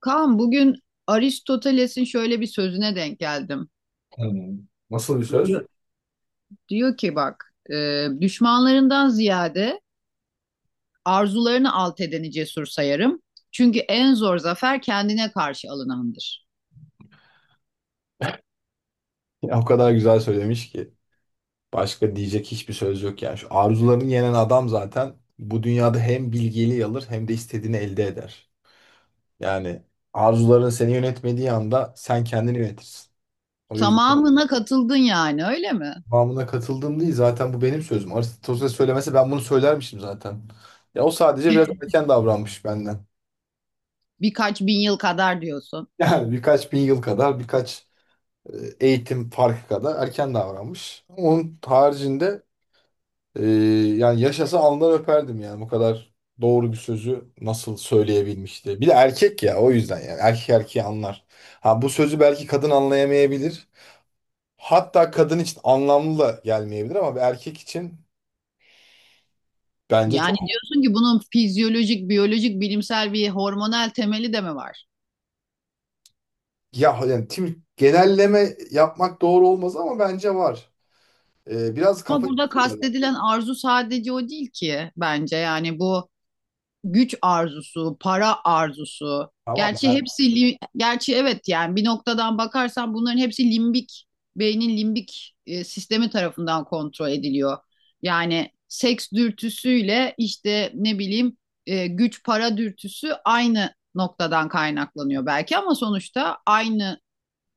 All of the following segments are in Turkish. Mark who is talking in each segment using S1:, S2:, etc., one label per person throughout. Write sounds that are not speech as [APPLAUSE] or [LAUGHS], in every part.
S1: Kaan, bugün Aristoteles'in şöyle bir sözüne denk geldim.
S2: Hmm. Nasıl bir söz?
S1: Diyor, diyor ki bak, düşmanlarından ziyade arzularını alt edeni cesur sayarım. Çünkü en zor zafer kendine karşı alınandır.
S2: Ya o kadar güzel söylemiş ki. Başka diyecek hiçbir söz yok yani. Şu arzularını yenen adam zaten bu dünyada hem bilgeliği alır hem de istediğini elde eder. Yani arzuların seni yönetmediği anda sen kendini yönetirsin. O yüzden
S1: Tamamına katıldın yani, öyle mi?
S2: tamamına katıldım değil zaten bu benim sözüm. Aristoteles söylemese ben bunu söylermişim zaten. Ya o sadece biraz erken davranmış benden. [LAUGHS]
S1: Birkaç bin yıl kadar diyorsun.
S2: Yani birkaç bin yıl kadar birkaç eğitim farkı kadar erken davranmış. Onun haricinde Ee, yani yaşasa alnından öperdim yani bu kadar doğru bir sözü nasıl söyleyebilmişti. Bir de erkek ya o yüzden yani erkek erkeği anlar. Ha bu sözü belki kadın anlayamayabilir. Hatta kadın için anlamlı da gelmeyebilir ama bir erkek için bence
S1: Yani
S2: çok
S1: diyorsun ki bunun fizyolojik, biyolojik, bilimsel bir hormonal temeli de mi var?
S2: ya yani tim genelleme yapmak doğru olmaz ama bence var. Biraz
S1: Ama
S2: kafa
S1: burada
S2: yapısıyla- da-
S1: kastedilen arzu sadece o değil ki bence. Yani bu güç arzusu, para arzusu.
S2: Tamam
S1: Gerçi
S2: ben
S1: hepsi li- gerçi evet, yani bir noktadan bakarsan bunların hepsi limbik beynin limbik sistemi tarafından kontrol ediliyor. Yani seks dürtüsüyle işte ne bileyim, güç para dürtüsü aynı noktadan kaynaklanıyor belki, ama sonuçta aynı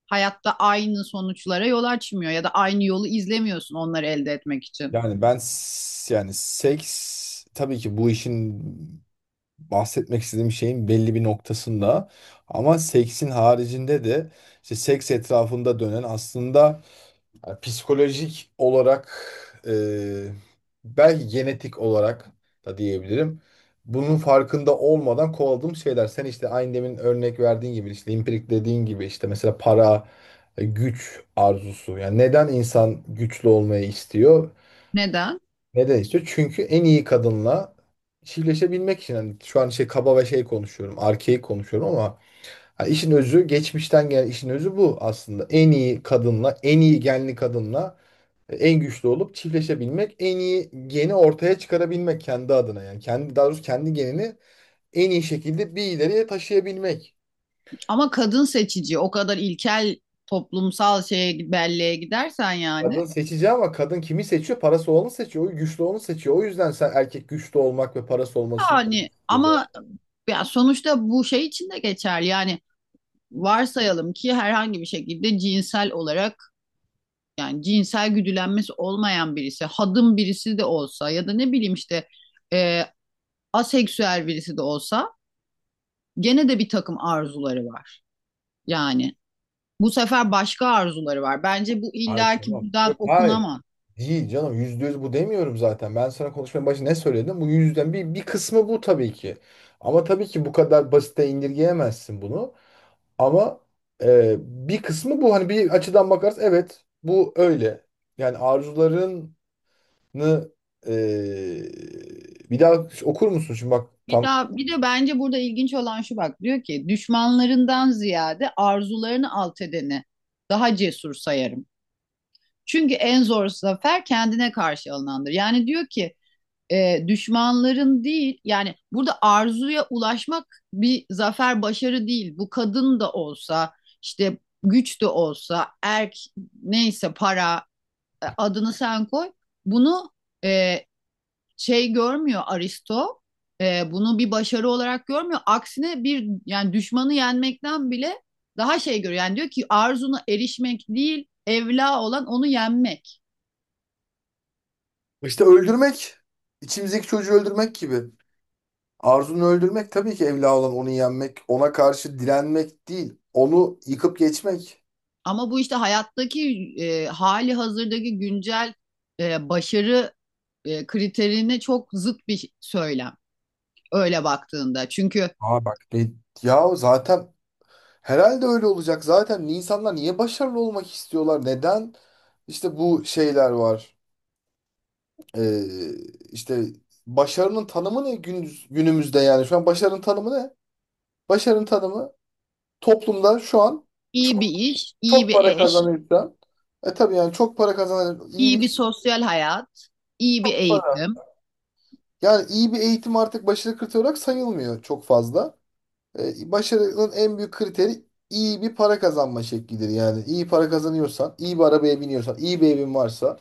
S1: hayatta aynı sonuçlara yol açmıyor ya da aynı yolu izlemiyorsun onları elde etmek için.
S2: yani yani seks tabii ki bu işin bahsetmek istediğim şeyin belli bir noktasında ama seksin haricinde de işte seks etrafında dönen aslında yani psikolojik olarak e, belki genetik olarak da diyebilirim. Bunun farkında olmadan kovaladığım şeyler. Sen işte aynı demin örnek verdiğin gibi işte impirik dediğin gibi işte mesela para, güç arzusu. Yani neden insan güçlü olmayı istiyor?
S1: Neden?
S2: Neden istiyor? Çünkü en iyi kadınla çiftleşebilmek için. Hani şu an şey kaba ve şey konuşuyorum. Arkeik konuşuyorum ama hani işin özü geçmişten gelen işin özü bu aslında. En iyi kadınla, en iyi genli kadınla en güçlü olup çiftleşebilmek, en iyi geni ortaya çıkarabilmek kendi adına yani. Kendi, daha doğrusu kendi genini en iyi şekilde bir ileriye taşıyabilmek.
S1: Ama kadın seçici. O kadar ilkel toplumsal şeye, belleğe gidersen yani
S2: Kadın seçici ama kadın kimi seçiyor? Parası olanı seçiyor, o güçlü olanı seçiyor. O yüzden sen erkek güçlü olmak ve parası olmasını
S1: yani ama ya, sonuçta bu şey için de geçerli. Yani varsayalım ki herhangi bir şekilde cinsel olarak, yani cinsel güdülenmesi olmayan birisi, hadım birisi de olsa, ya da ne bileyim işte, e, aseksüel birisi de olsa, gene de bir takım arzuları var. Yani bu sefer başka arzuları var. Bence bu
S2: Ay
S1: illaki
S2: tamam.
S1: buradan
S2: Yok hayır.
S1: okunamaz.
S2: Değil canım %100 bu demiyorum zaten. Ben sana konuşmanın başında ne söyledim? Bu yüzden bir kısmı bu tabii ki. Ama tabii ki bu kadar basite indirgeyemezsin bunu. Ama bir kısmı bu. Hani bir açıdan bakarız evet bu öyle. Yani arzularını e, bir daha okur musun? Şimdi bak
S1: Bir
S2: tam
S1: daha, bir de bence burada ilginç olan şu, bak diyor ki düşmanlarından ziyade arzularını alt edeni daha cesur sayarım. Çünkü en zor zafer kendine karşı alınandır. Yani diyor ki, düşmanların değil, yani burada arzuya ulaşmak bir zafer, başarı değil. Bu kadın da olsa, işte güç de olsa, erk, neyse, para, adını sen koy bunu, e, şey görmüyor Aristo. Bunu bir başarı olarak görmüyor. Aksine, bir yani düşmanı yenmekten bile daha şey görüyor. Yani diyor ki arzuna erişmek değil, evla olan onu yenmek.
S2: işte öldürmek içimizdeki çocuğu öldürmek gibi. Arzunu öldürmek tabii ki evla olan onu yenmek, ona karşı direnmek değil. Onu yıkıp geçmek.
S1: Ama bu işte hayattaki, hali hazırdaki güncel başarı kriterine çok zıt bir söylem öyle baktığında. Çünkü
S2: Aa bak de, ya zaten herhalde öyle olacak. Zaten insanlar niye başarılı olmak istiyorlar? Neden? İşte bu şeyler var. Ee, işte başarının tanımı ne günümüzde yani? Şu an başarının tanımı ne? Başarının tanımı toplumda şu an
S1: iyi
S2: çok
S1: bir iş, iyi
S2: çok
S1: bir
S2: para
S1: eş,
S2: kazanıyorsan e tabii yani çok para kazanan iyi
S1: iyi bir
S2: bir
S1: sosyal hayat, iyi bir eğitim.
S2: para. Yani iyi bir eğitim artık başarı kriteri olarak sayılmıyor çok fazla. E, başarının en büyük kriteri iyi bir para kazanma şeklidir. Yani iyi para kazanıyorsan, iyi bir arabaya biniyorsan, iyi bir evin varsa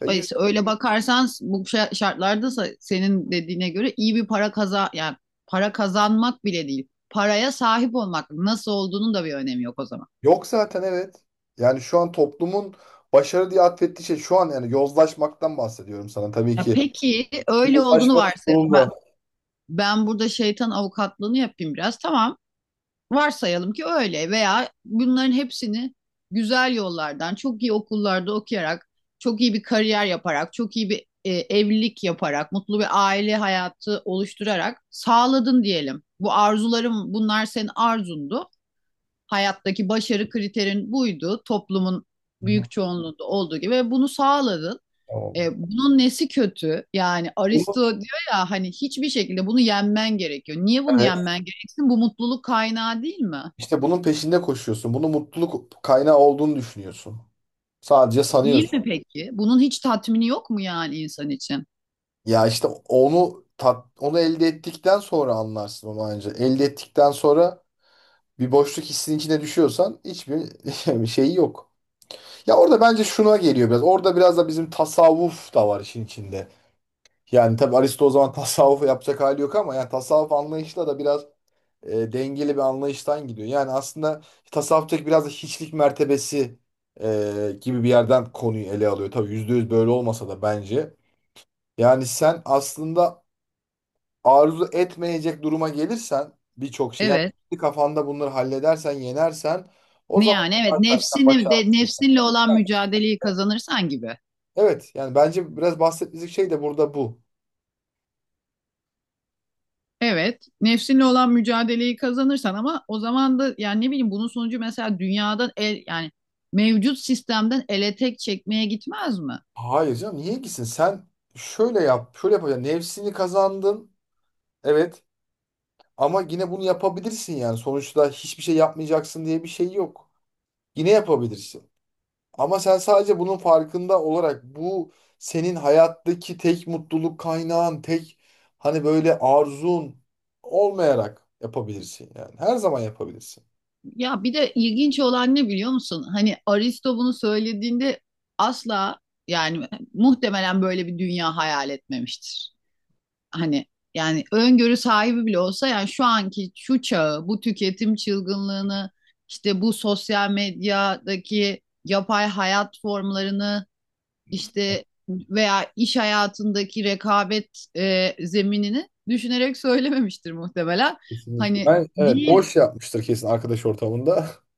S1: Ay,
S2: güzel.
S1: Öyle bakarsan bu şartlarda senin dediğine göre iyi bir para yani, para kazanmak bile değil. Paraya sahip olmak, nasıl olduğunun da bir önemi yok o zaman.
S2: Yok zaten evet. Yani şu an toplumun başarı diye atfettiği şey şu an yani yozlaşmaktan bahsediyorum sana tabii
S1: Ya
S2: ki.
S1: peki, öyle olduğunu
S2: Yozlaşmanın
S1: varsayalım
S2: sonunda.
S1: ben. Ben burada şeytan avukatlığını yapayım biraz. Tamam. Varsayalım ki öyle, veya bunların hepsini güzel yollardan, çok iyi okullarda okuyarak, çok iyi bir kariyer yaparak, çok iyi bir evlilik yaparak, mutlu bir aile hayatı oluşturarak sağladın diyelim. Bu arzularım, bunlar senin arzundu. Hayattaki başarı kriterin buydu. Toplumun
S2: Hı hı.
S1: büyük çoğunluğunda olduğu gibi, ve bunu sağladın.
S2: Tamam.
S1: Bunun nesi kötü? Yani Aristo
S2: Bunu,
S1: diyor ya hani hiçbir şekilde bunu yenmen gerekiyor. Niye bunu
S2: evet.
S1: yenmen gereksin? Bu mutluluk kaynağı değil mi?
S2: İşte bunun peşinde koşuyorsun. Bunu mutluluk kaynağı olduğunu düşünüyorsun. Sadece
S1: Değil
S2: sanıyorsun.
S1: mi peki? Bunun hiç tatmini yok mu yani insan için?
S2: Ya işte onu elde ettikten sonra anlarsın onu anca. Elde ettikten sonra bir boşluk hissinin içine düşüyorsan hiçbir [LAUGHS] şeyi yok. Ya orada bence şuna geliyor biraz. Orada biraz da bizim tasavvuf da var işin içinde. Yani tabii Aristo o zaman [LAUGHS] tasavvuf yapacak hali yok ama yani tasavvuf anlayışla da biraz dengeli bir anlayıştan gidiyor. Yani aslında tasavvuftaki biraz da hiçlik mertebesi gibi bir yerden konuyu ele alıyor. Tabii yüzde yüz böyle olmasa da bence. Yani sen aslında arzu etmeyecek duruma gelirsen birçok şey yani
S1: Evet.
S2: kafanda bunları halledersen yenersen o
S1: Ne
S2: zaman
S1: yani? Evet.
S2: zaten sen
S1: Nefsini de,
S2: başardın.
S1: nefsinle olan mücadeleyi kazanırsan gibi.
S2: Evet yani bence biraz bahsettiğimiz şey de burada bu.
S1: Evet. Nefsinle olan mücadeleyi kazanırsan, ama o zaman da yani ne bileyim, bunun sonucu mesela dünyadan el, yani mevcut sistemden ele tek çekmeye gitmez mi?
S2: Hayır canım niye gitsin sen şöyle yap şöyle yapacaksın nefsini kazandın evet ama yine bunu yapabilirsin yani sonuçta hiçbir şey yapmayacaksın diye bir şey yok. Yine yapabilirsin. Ama sen sadece bunun farkında olarak bu senin hayattaki tek mutluluk kaynağın, tek hani böyle arzun olmayarak yapabilirsin yani. Her zaman yapabilirsin.
S1: Ya bir de ilginç olan ne biliyor musun? Hani Aristo bunu söylediğinde asla, yani muhtemelen böyle bir dünya hayal etmemiştir. Hani, yani öngörü sahibi bile olsa, yani şu anki şu çağı, bu tüketim çılgınlığını, işte bu sosyal medyadaki yapay hayat formlarını, işte veya iş hayatındaki rekabet zeminini düşünerek söylememiştir muhtemelen.
S2: Kesinlikle.
S1: Hani,
S2: Ben evet
S1: değil.
S2: boş yapmıştır kesin arkadaş ortamında. [LAUGHS]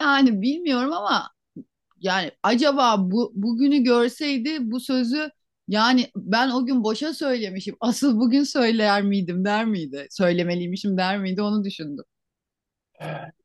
S1: Yani bilmiyorum ama, yani acaba bu bugünü görseydi bu sözü, yani ben o gün boşa söylemişim. Asıl bugün söyler miydim, der miydi? Söylemeliymişim der miydi, onu düşündüm.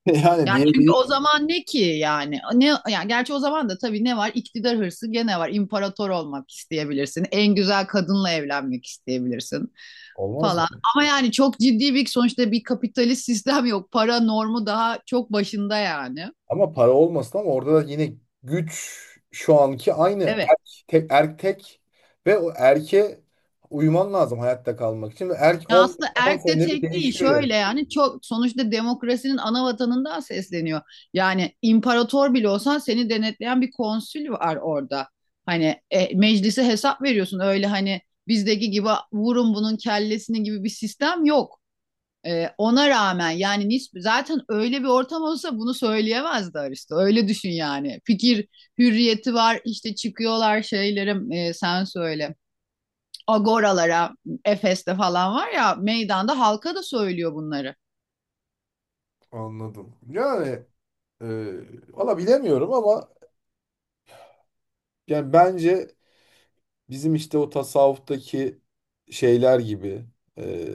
S2: Yani
S1: Yani çünkü
S2: diyebilir.
S1: o zaman ne ki yani? Ne yani, gerçi o zaman da tabii ne var? İktidar hırsı gene var. İmparator olmak isteyebilirsin. En güzel kadınla evlenmek isteyebilirsin
S2: Olmaz mı?
S1: falan. Ama yani çok ciddi bir, sonuçta bir kapitalist sistem yok. Para normu daha çok başında yani.
S2: Ama para olmasın ama orada da yine güç şu anki aynı
S1: Evet.
S2: erk tek ve o erke uyman lazım hayatta kalmak için. Ve erk
S1: Ya
S2: 10
S1: aslında
S2: 10
S1: erk de
S2: senede bir
S1: tek değil
S2: değişiyor yani.
S1: şöyle, yani çok, sonuçta demokrasinin ana vatanından sesleniyor. Yani imparator bile olsan seni denetleyen bir konsül var orada. Hani, meclise hesap veriyorsun, öyle hani bizdeki gibi vurun bunun kellesini gibi bir sistem yok. Ona rağmen yani zaten öyle bir ortam olsa bunu söyleyemezdi Aristo. Öyle düşün yani. Fikir hürriyeti var, işte çıkıyorlar, şeylerim, sen söyle, agoralara, Efes'te falan var ya, meydanda halka da söylüyor bunları.
S2: Anladım. Yani Ee, valla bilemiyorum ama yani bence bizim işte o tasavvuftaki şeyler gibi e,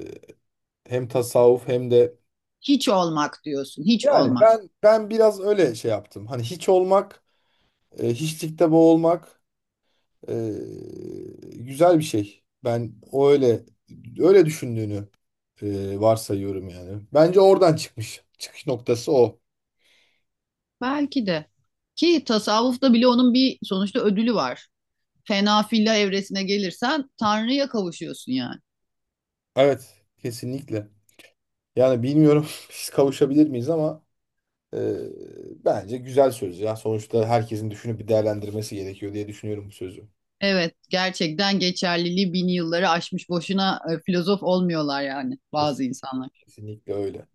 S2: hem tasavvuf hem de
S1: Hiç olmak diyorsun, hiç
S2: yani
S1: olmak.
S2: ben biraz öyle şey yaptım. Hani hiç olmak, hiçlikte boğulmak e, güzel bir şey. Ben o öyle düşündüğünü varsayıyorum yani. Bence oradan çıkmış. Çıkış noktası o.
S1: Belki de. Ki tasavvufta bile onun bir sonuçta ödülü var. Fena filla evresine gelirsen Tanrı'ya kavuşuyorsun yani.
S2: Evet, kesinlikle. Yani bilmiyorum [LAUGHS] biz kavuşabilir miyiz ama Ee, bence güzel söz ya. Sonuçta herkesin düşünüp bir değerlendirmesi gerekiyor diye düşünüyorum bu sözü.
S1: Evet, gerçekten geçerliliği bin yılları aşmış. Boşuna filozof olmuyorlar yani
S2: Kes-
S1: bazı insanlar.
S2: Kesinlikle öyle.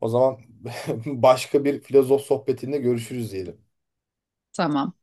S2: O zaman [LAUGHS] başka bir filozof sohbetinde görüşürüz diyelim.
S1: Tamam.